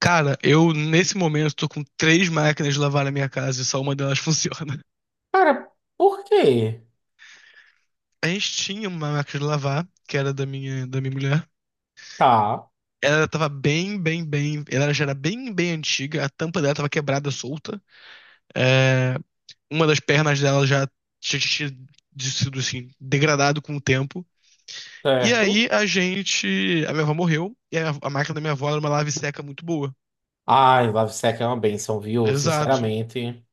Cara, eu nesse momento tô com 3 máquinas de lavar na minha casa e só uma delas funciona. Cara, por quê? A gente tinha uma máquina de lavar, que era da minha mulher. Tá, Ela tava bem, bem, bem. Ela já era bem, bem antiga. A tampa dela tava quebrada, solta. É, uma das pernas dela já tinha tinha sido assim, degradado com o tempo. E certo. aí a gente. A minha avó morreu. E a máquina da minha avó era uma lave seca muito boa. Ai, LiveSec é uma benção, viu? Exato. Sinceramente.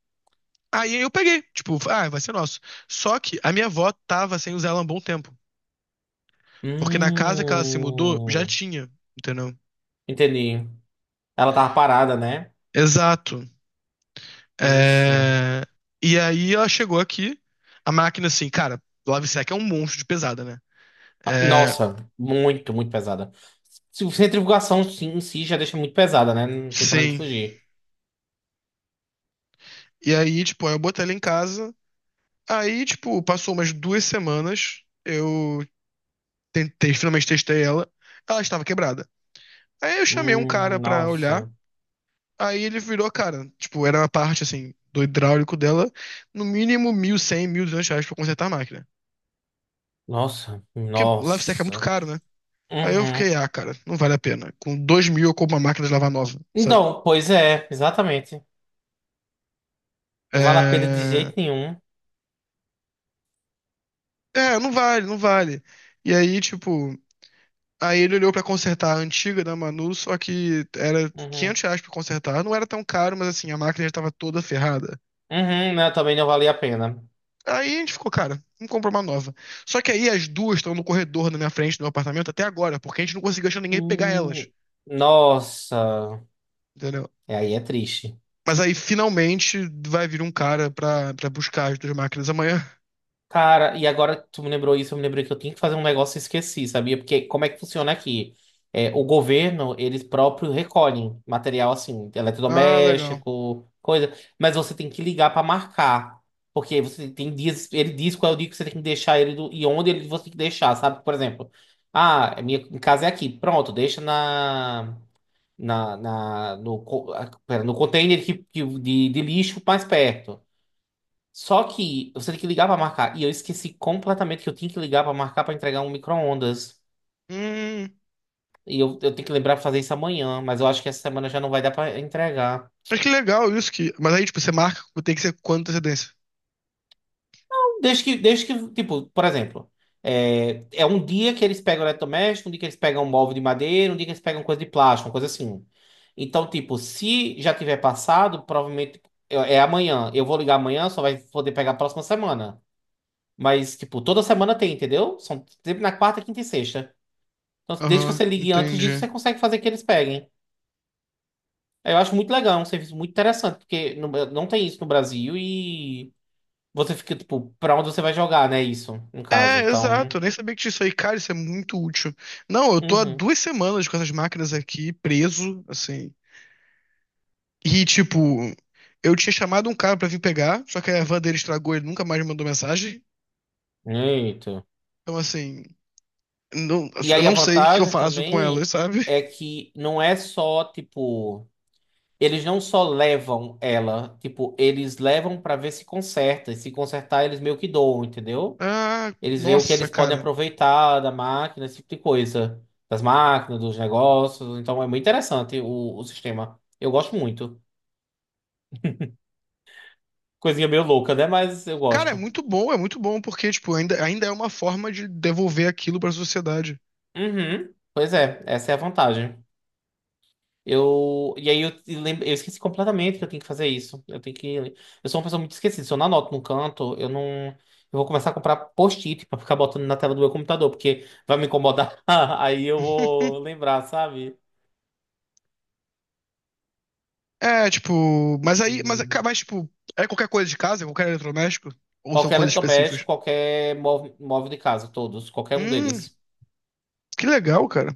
Aí eu peguei. Tipo, ah, vai ser nosso. Só que a minha avó tava sem usar ela há um bom tempo. Porque na casa que ela se mudou, já Hum. tinha, entendeu? Entendi. Ela tava parada, né? Exato. Ixi. É. E aí ela chegou aqui, a máquina assim, cara, Lovesac é um monstro de pesada, né? Ah, É, nossa, muito, muito pesada. Centrifugação sim, em si já deixa muito pesada, né? Não tem pra onde sim. fugir. E aí, tipo, eu botei ela em casa. Aí, tipo, passou umas 2 semanas, eu tentei, finalmente testei ela. Ela estava quebrada. Aí eu chamei um cara pra olhar. Nossa. Aí ele virou, cara, tipo, era uma parte, assim, do hidráulico dela, no mínimo 1.100, 200 reais pra consertar a máquina. Nossa, Porque Lovesac é muito nossa. caro, né? Aí eu Uhum. fiquei, ah, cara, não vale a pena. Com 2 mil eu compro uma máquina de lavar nova, sabe? Então, pois é, exatamente. Não vale a pena de É, jeito nenhum. é, não vale, não vale. E aí, tipo, aí ele olhou pra consertar a antiga da Manu, só que era Uhum. 500 reais pra consertar. Não era tão caro, mas assim, a máquina já tava toda ferrada. Uhum, né? Também não valia a pena. Aí a gente ficou, cara, vamos comprar uma nova. Só que aí as 2 estão no corredor na minha frente, no meu apartamento, até agora, porque a gente não conseguiu achar ninguém pra pegar elas, Hum, nossa, entendeu? é, aí é triste. Mas aí finalmente vai vir um cara pra, buscar as 2 máquinas amanhã. Cara, e agora que tu me lembrou isso, eu me lembrei que eu tinha que fazer um negócio e esqueci, sabia? Porque como é que funciona aqui? É, o governo, eles próprios recolhem material assim, Ah, legal. eletrodoméstico, coisa, mas você tem que ligar pra marcar. Porque você tem dias, ele diz qual é o dia que você tem que deixar ele e onde ele você tem que deixar, sabe? Por exemplo, ah, minha casa é aqui, pronto, deixa na. Pera, no container de lixo mais perto. Só que você tem que ligar para marcar. E eu esqueci completamente que eu tinha que ligar para marcar para entregar um micro-ondas. Hum, E eu tenho que lembrar para fazer isso amanhã, mas eu acho que essa semana já não vai dar para entregar. Mas que legal isso que. Mas aí, tipo, você marca, tem que ser com quanta antecedência? Desde que, tipo, por exemplo, é um dia que eles pegam eletrodoméstico, um dia que eles pegam um móvel de madeira, um dia que eles pegam coisa de plástico, uma coisa assim. Então, tipo, se já tiver passado, provavelmente é amanhã. Eu vou ligar amanhã, só vai poder pegar a próxima semana. Mas, tipo, toda semana tem, entendeu? São sempre na quarta, quinta e sexta. Então, desde que Aham, você ligue antes disso, entendi. você consegue fazer que eles peguem. Eu acho muito legal, é um serviço muito interessante, porque não tem isso no Brasil e você fica, tipo, pra onde você vai jogar, né? Isso, no caso. É, Então. exato. Eu nem sabia que tinha isso aí, cara, isso é muito útil. Não, eu tô há Uhum. 2 semanas com essas máquinas aqui, preso, assim. E, tipo, eu tinha chamado um cara pra vir pegar, só que a van dele estragou, e ele nunca mais me mandou mensagem. Eita. Então, assim, não- E eu aí a não sei o que eu vantagem faço com elas, também sabe? é que não é só, tipo. Eles não só levam ela, tipo, eles levam pra ver se conserta. E se consertar, eles meio que doam, entendeu? Ah, Eles veem o que nossa, eles podem cara. aproveitar da máquina, esse tipo de coisa. Das máquinas, dos negócios. Então é muito interessante o sistema. Eu gosto muito. Coisinha meio louca, né? Mas eu Cara, gosto. É muito bom, porque, tipo, ainda, ainda é uma forma de devolver aquilo pra sociedade. Uhum. Pois é, essa é a vantagem. Eu, e aí eu, te lem- Eu esqueci completamente que eu tenho que fazer isso. Eu tenho que. Eu sou uma pessoa muito esquecida. Se eu não anoto num canto, eu não. Eu vou começar a comprar post-it pra ficar botando na tela do meu computador, porque vai me incomodar. Aí eu vou lembrar, sabe? É, tipo, mas aí, mas tipo, é qualquer coisa de casa, é qualquer eletrodoméstico? Ou são Qualquer coisas específicas? eletrodoméstico, qualquer móvel de casa, todos, qualquer um Hum, deles. que legal, cara.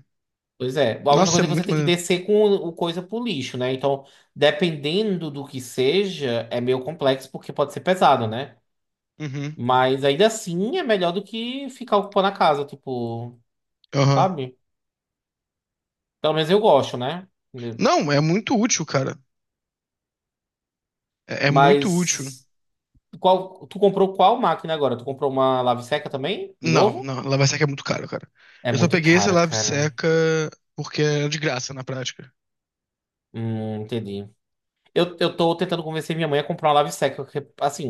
Pois é. A única Nossa, é coisa é que você muito tem que maneiro. descer com o coisa pro lixo, né? Então, dependendo do que seja, é meio complexo porque pode ser pesado, né? Uhum, Mas ainda assim é melhor do que ficar ocupando a casa, tipo, aham. sabe? Pelo menos eu gosto, né? Né? Não, é muito útil, cara. É, muito útil. Mas tu comprou qual máquina agora? Tu comprou uma lave seca também? De Não, novo? não, lava-seca é muito caro, cara. É Eu só muito peguei esse caro, cara. lava-seca porque é de graça na prática. Entendi. Eu tô tentando convencer minha mãe a comprar uma Lave-Seca, porque, assim,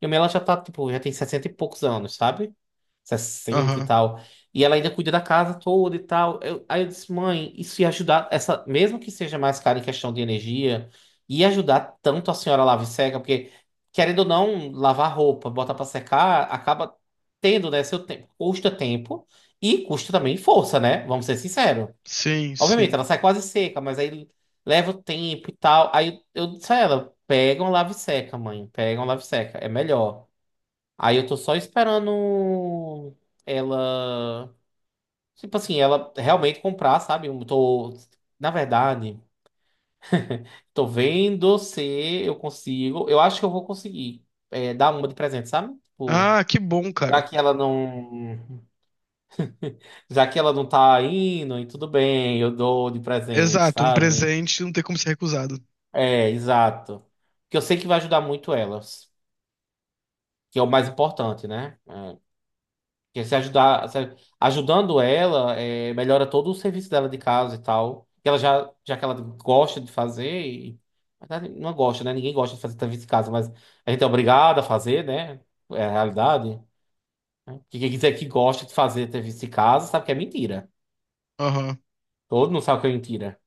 minha mãe ela já tá, tipo, já tem 60 e poucos anos, sabe? Sessenta e Aham. tal. E ela ainda cuida da casa toda e tal. Aí eu disse, mãe, isso ia ajudar, essa, mesmo que seja mais caro em questão de energia, ia ajudar tanto a senhora Lave-Seca, porque, querendo ou não, lavar roupa, botar pra secar, acaba tendo, né, seu tempo. Custa tempo e custa também força, né? Vamos ser sinceros. Sim, Obviamente, sim. ela sai quase seca, mas aí leva o tempo e tal. Aí eu disse a ela: pega um lave seca, mãe. Pega um lave seca. É melhor. Aí eu tô só esperando ela. Tipo assim, ela realmente comprar, sabe? Eu tô. Na verdade, tô vendo se eu consigo. Eu acho que eu vou conseguir dar uma de presente, sabe? Tipo, Ah, que bom, já cara. que ela não. Já que ela não tá indo, e tudo bem, eu dou de presente, Exato, um sabe? presente não tem como ser recusado. É, exato. Que eu sei que vai ajudar muito elas, que é o mais importante, né? É, que se ajudar, ajudando ela, melhora todo o serviço dela de casa e tal. Que ela já que ela gosta de fazer, e, na verdade, não gosta, né? Ninguém gosta de fazer serviço de casa, mas a gente é obrigado a fazer, né? É a realidade. Né? Que quem quiser que gosta de fazer serviço de casa sabe que é mentira. Aham, Todo mundo sabe que é mentira.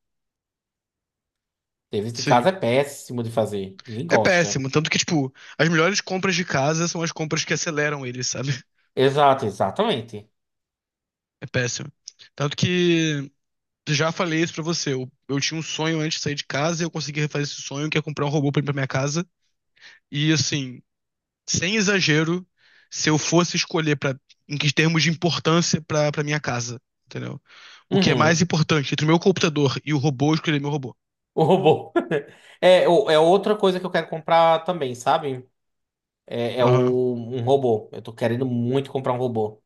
Serviço de casa sim. é péssimo de fazer. Ninguém É gosta. péssimo. Tanto que, tipo, as melhores compras de casa são as compras que aceleram ele, sabe? Exato, exatamente. É péssimo. Tanto que, já falei isso pra você. Eu tinha um sonho antes de sair de casa e eu consegui refazer esse sonho, que é comprar um robô pra ir pra minha casa. E, assim, sem exagero, se eu fosse escolher pra, em que termos de importância pra, pra minha casa, entendeu? O que é mais Uhum. importante entre o meu computador e o robô, eu escolheria meu robô. O robô. É, é outra coisa que eu quero comprar também, sabe? Aham, Um robô. Eu tô querendo muito comprar um robô.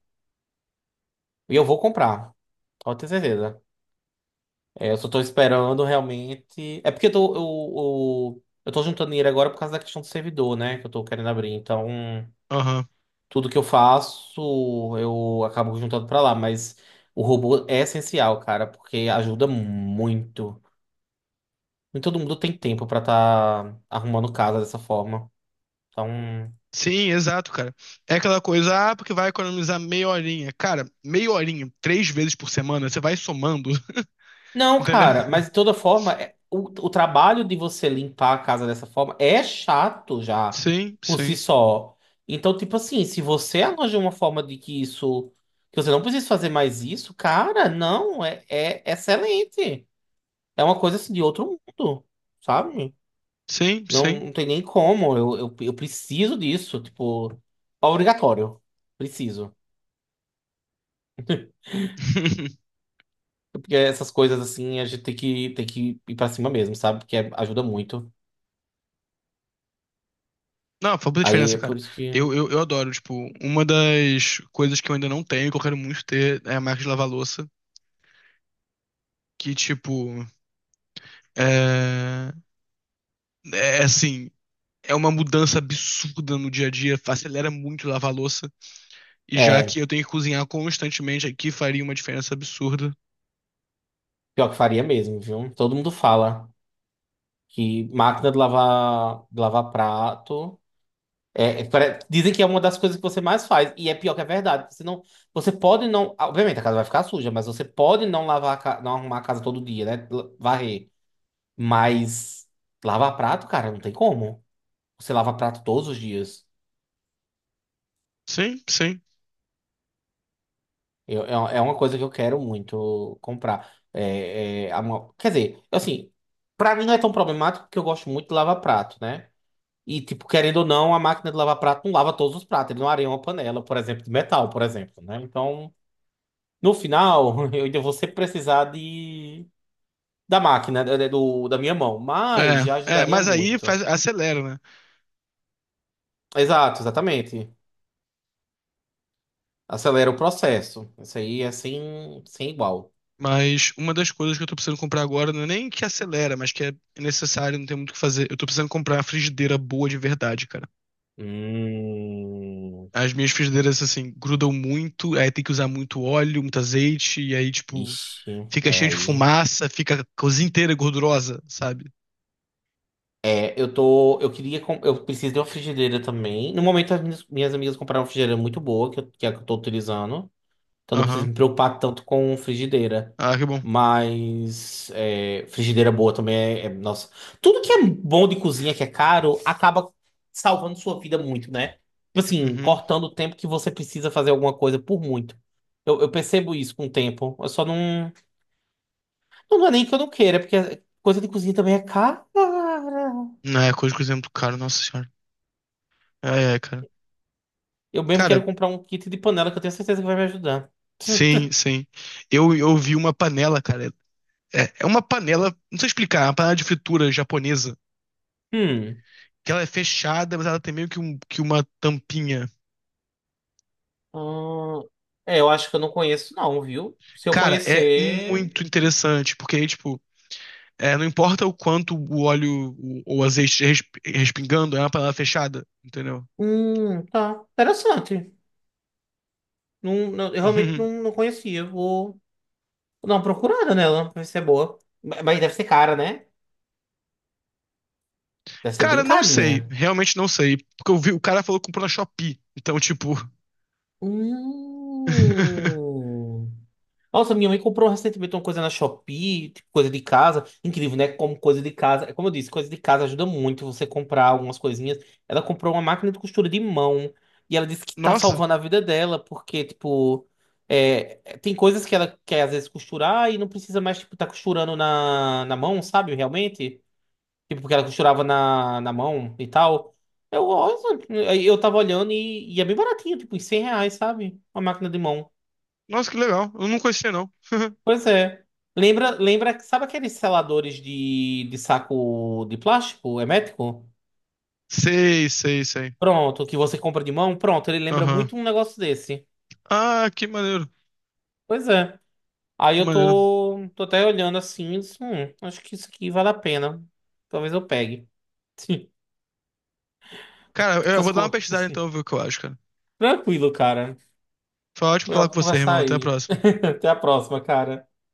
E eu vou comprar, pode ter certeza. É, eu só tô esperando realmente. É porque eu tô juntando dinheiro agora por causa da questão do servidor, né? Que eu tô querendo abrir. Então, aham. tudo que eu faço, eu acabo juntando pra lá. Mas o robô é essencial, cara, porque ajuda muito. Nem todo mundo tem tempo pra tá arrumando casa dessa forma. Então. Sim, exato, cara. É aquela coisa, ah, porque vai economizar meia horinha. Cara, meia horinha, 3 vezes por semana, você vai somando, Não, entendeu? cara, mas de toda forma, o trabalho de você limpar a casa dessa forma é chato já, Sim, por si sim, só. Então, tipo assim, se você arranja uma forma de que isso, que você não precisa fazer mais isso, cara, não, é excelente. É uma coisa assim de outro mundo, sabe? sim, Não, sim. não tem nem como, eu preciso disso, tipo, obrigatório, preciso. Porque essas coisas assim, a gente tem que ir pra cima mesmo, sabe? Porque ajuda muito. Não, faz muita Aí diferença, é por cara. isso que. Eu adoro, tipo, uma das coisas que eu ainda não tenho, que eu quero muito ter, é a máquina de lavar louça, que, tipo, é, é assim, é uma mudança absurda no dia a dia, acelera muito lavar louça, e já É, que eu tenho que cozinhar constantemente aqui, faria uma diferença absurda. pior que faria mesmo, viu? Todo mundo fala que máquina de lavar prato. Dizem que é uma das coisas que você mais faz. E é pior que é verdade. Você pode não. Obviamente, a casa vai ficar suja, mas você pode não lavar, não arrumar a casa todo dia, né? Varrer. Mas lavar prato, cara, não tem como. Você lava prato todos os dias. Sim, sim. É uma coisa que eu quero muito comprar. Quer dizer, assim, pra mim não é tão problemático porque eu gosto muito de lavar prato, né? E, tipo, querendo ou não, a máquina de lavar prato não lava todos os pratos. Ele não areia uma panela, por exemplo, de metal, por exemplo, né? Então, no final, eu ainda vou sempre precisar de... da máquina, da minha mão. Mas já É, ajudaria mas aí muito. faz, acelera, né? Exato, exatamente. Acelera o processo. Isso aí é sem igual. Mas uma das coisas que eu tô precisando comprar agora não é nem que acelera, mas que é necessário, não tem muito o que fazer. Eu tô precisando comprar uma frigideira boa de verdade, cara. Hum... As minhas frigideiras, assim, grudam muito, aí tem que usar muito óleo, muito azeite, e aí, tipo, Ixi, fica é cheio de aí. fumaça, fica a cozinha inteira gordurosa, sabe? É, eu tô. Eu queria. Eu preciso de uma frigideira também. No momento, as minhas amigas compraram uma frigideira muito boa, que, que é a que eu tô utilizando. Então não preciso Aham. me preocupar tanto com frigideira. Ah, que bom. Mas é, frigideira boa também é. Nossa. Tudo que é bom de cozinha, que é caro, acaba salvando sua vida muito, né? Tipo assim, Uhum. cortando o tempo que você precisa fazer alguma coisa por muito. Eu percebo isso com o tempo. Eu só não. Não, não é nem que eu não queira, porque coisa de cozinha também é cara. Não, é coisa que cozinha muito caro, nossa senhora. É, cara. Eu mesmo Cara, quero comprar um kit de panela que eu tenho certeza que vai me ajudar. sim, sim. Eu vi uma panela, cara. É, uma panela, não sei explicar, é uma panela de fritura japonesa. Hum. Que ela é fechada, mas ela tem meio que, que uma tampinha. Hum, eu acho que eu não conheço, não, viu? Se eu Cara, é conhecer. muito interessante, porque aí, tipo, é, não importa o quanto o óleo ou o azeite respingando, é uma panela fechada, entendeu? Tá. Interessante. Não, eu realmente não, não conhecia. Vou dar uma procurada nela pra ver se é boa. Mas deve ser cara, né? Deve ser bem Cara, não sei, carinha. realmente não sei. Porque eu vi, o cara falou que comprou na Shopee. Então, tipo. Hum. Nossa, minha mãe comprou recentemente uma coisa na Shopee, tipo, coisa de casa. Incrível, né? Como coisa de casa. Como eu disse, coisa de casa ajuda muito você comprar algumas coisinhas. Ela comprou uma máquina de costura de mão. E ela disse que tá Nossa, salvando a vida dela, porque, tipo, tem coisas que ela quer às vezes costurar e não precisa mais, tipo, tá costurando na mão, sabe? Realmente. Tipo, porque ela costurava na mão e tal. Eu, eu tava olhando e é bem baratinho, tipo, em R$ 100, sabe? Uma máquina de mão. nossa, que legal. Eu não conhecia, não. Pois é. Lembra, lembra, sabe aqueles seladores de saco de plástico hermético? Sei, sei, sei. Pronto, que você compra de mão? Pronto, ele lembra Aham. muito um negócio desse. Ah, que maneiro, Pois é. Aí que eu maneiro. tô até olhando assim, e disse, acho que isso aqui vale a pena. Talvez eu pegue. Cara, eu Essas vou dar uma pesquisada coisas. então, ver o que eu acho, cara. Tranquilo, cara. Foi ótimo Foi falar com ótimo você, conversar irmão. Até a aí. próxima. Até a próxima, cara.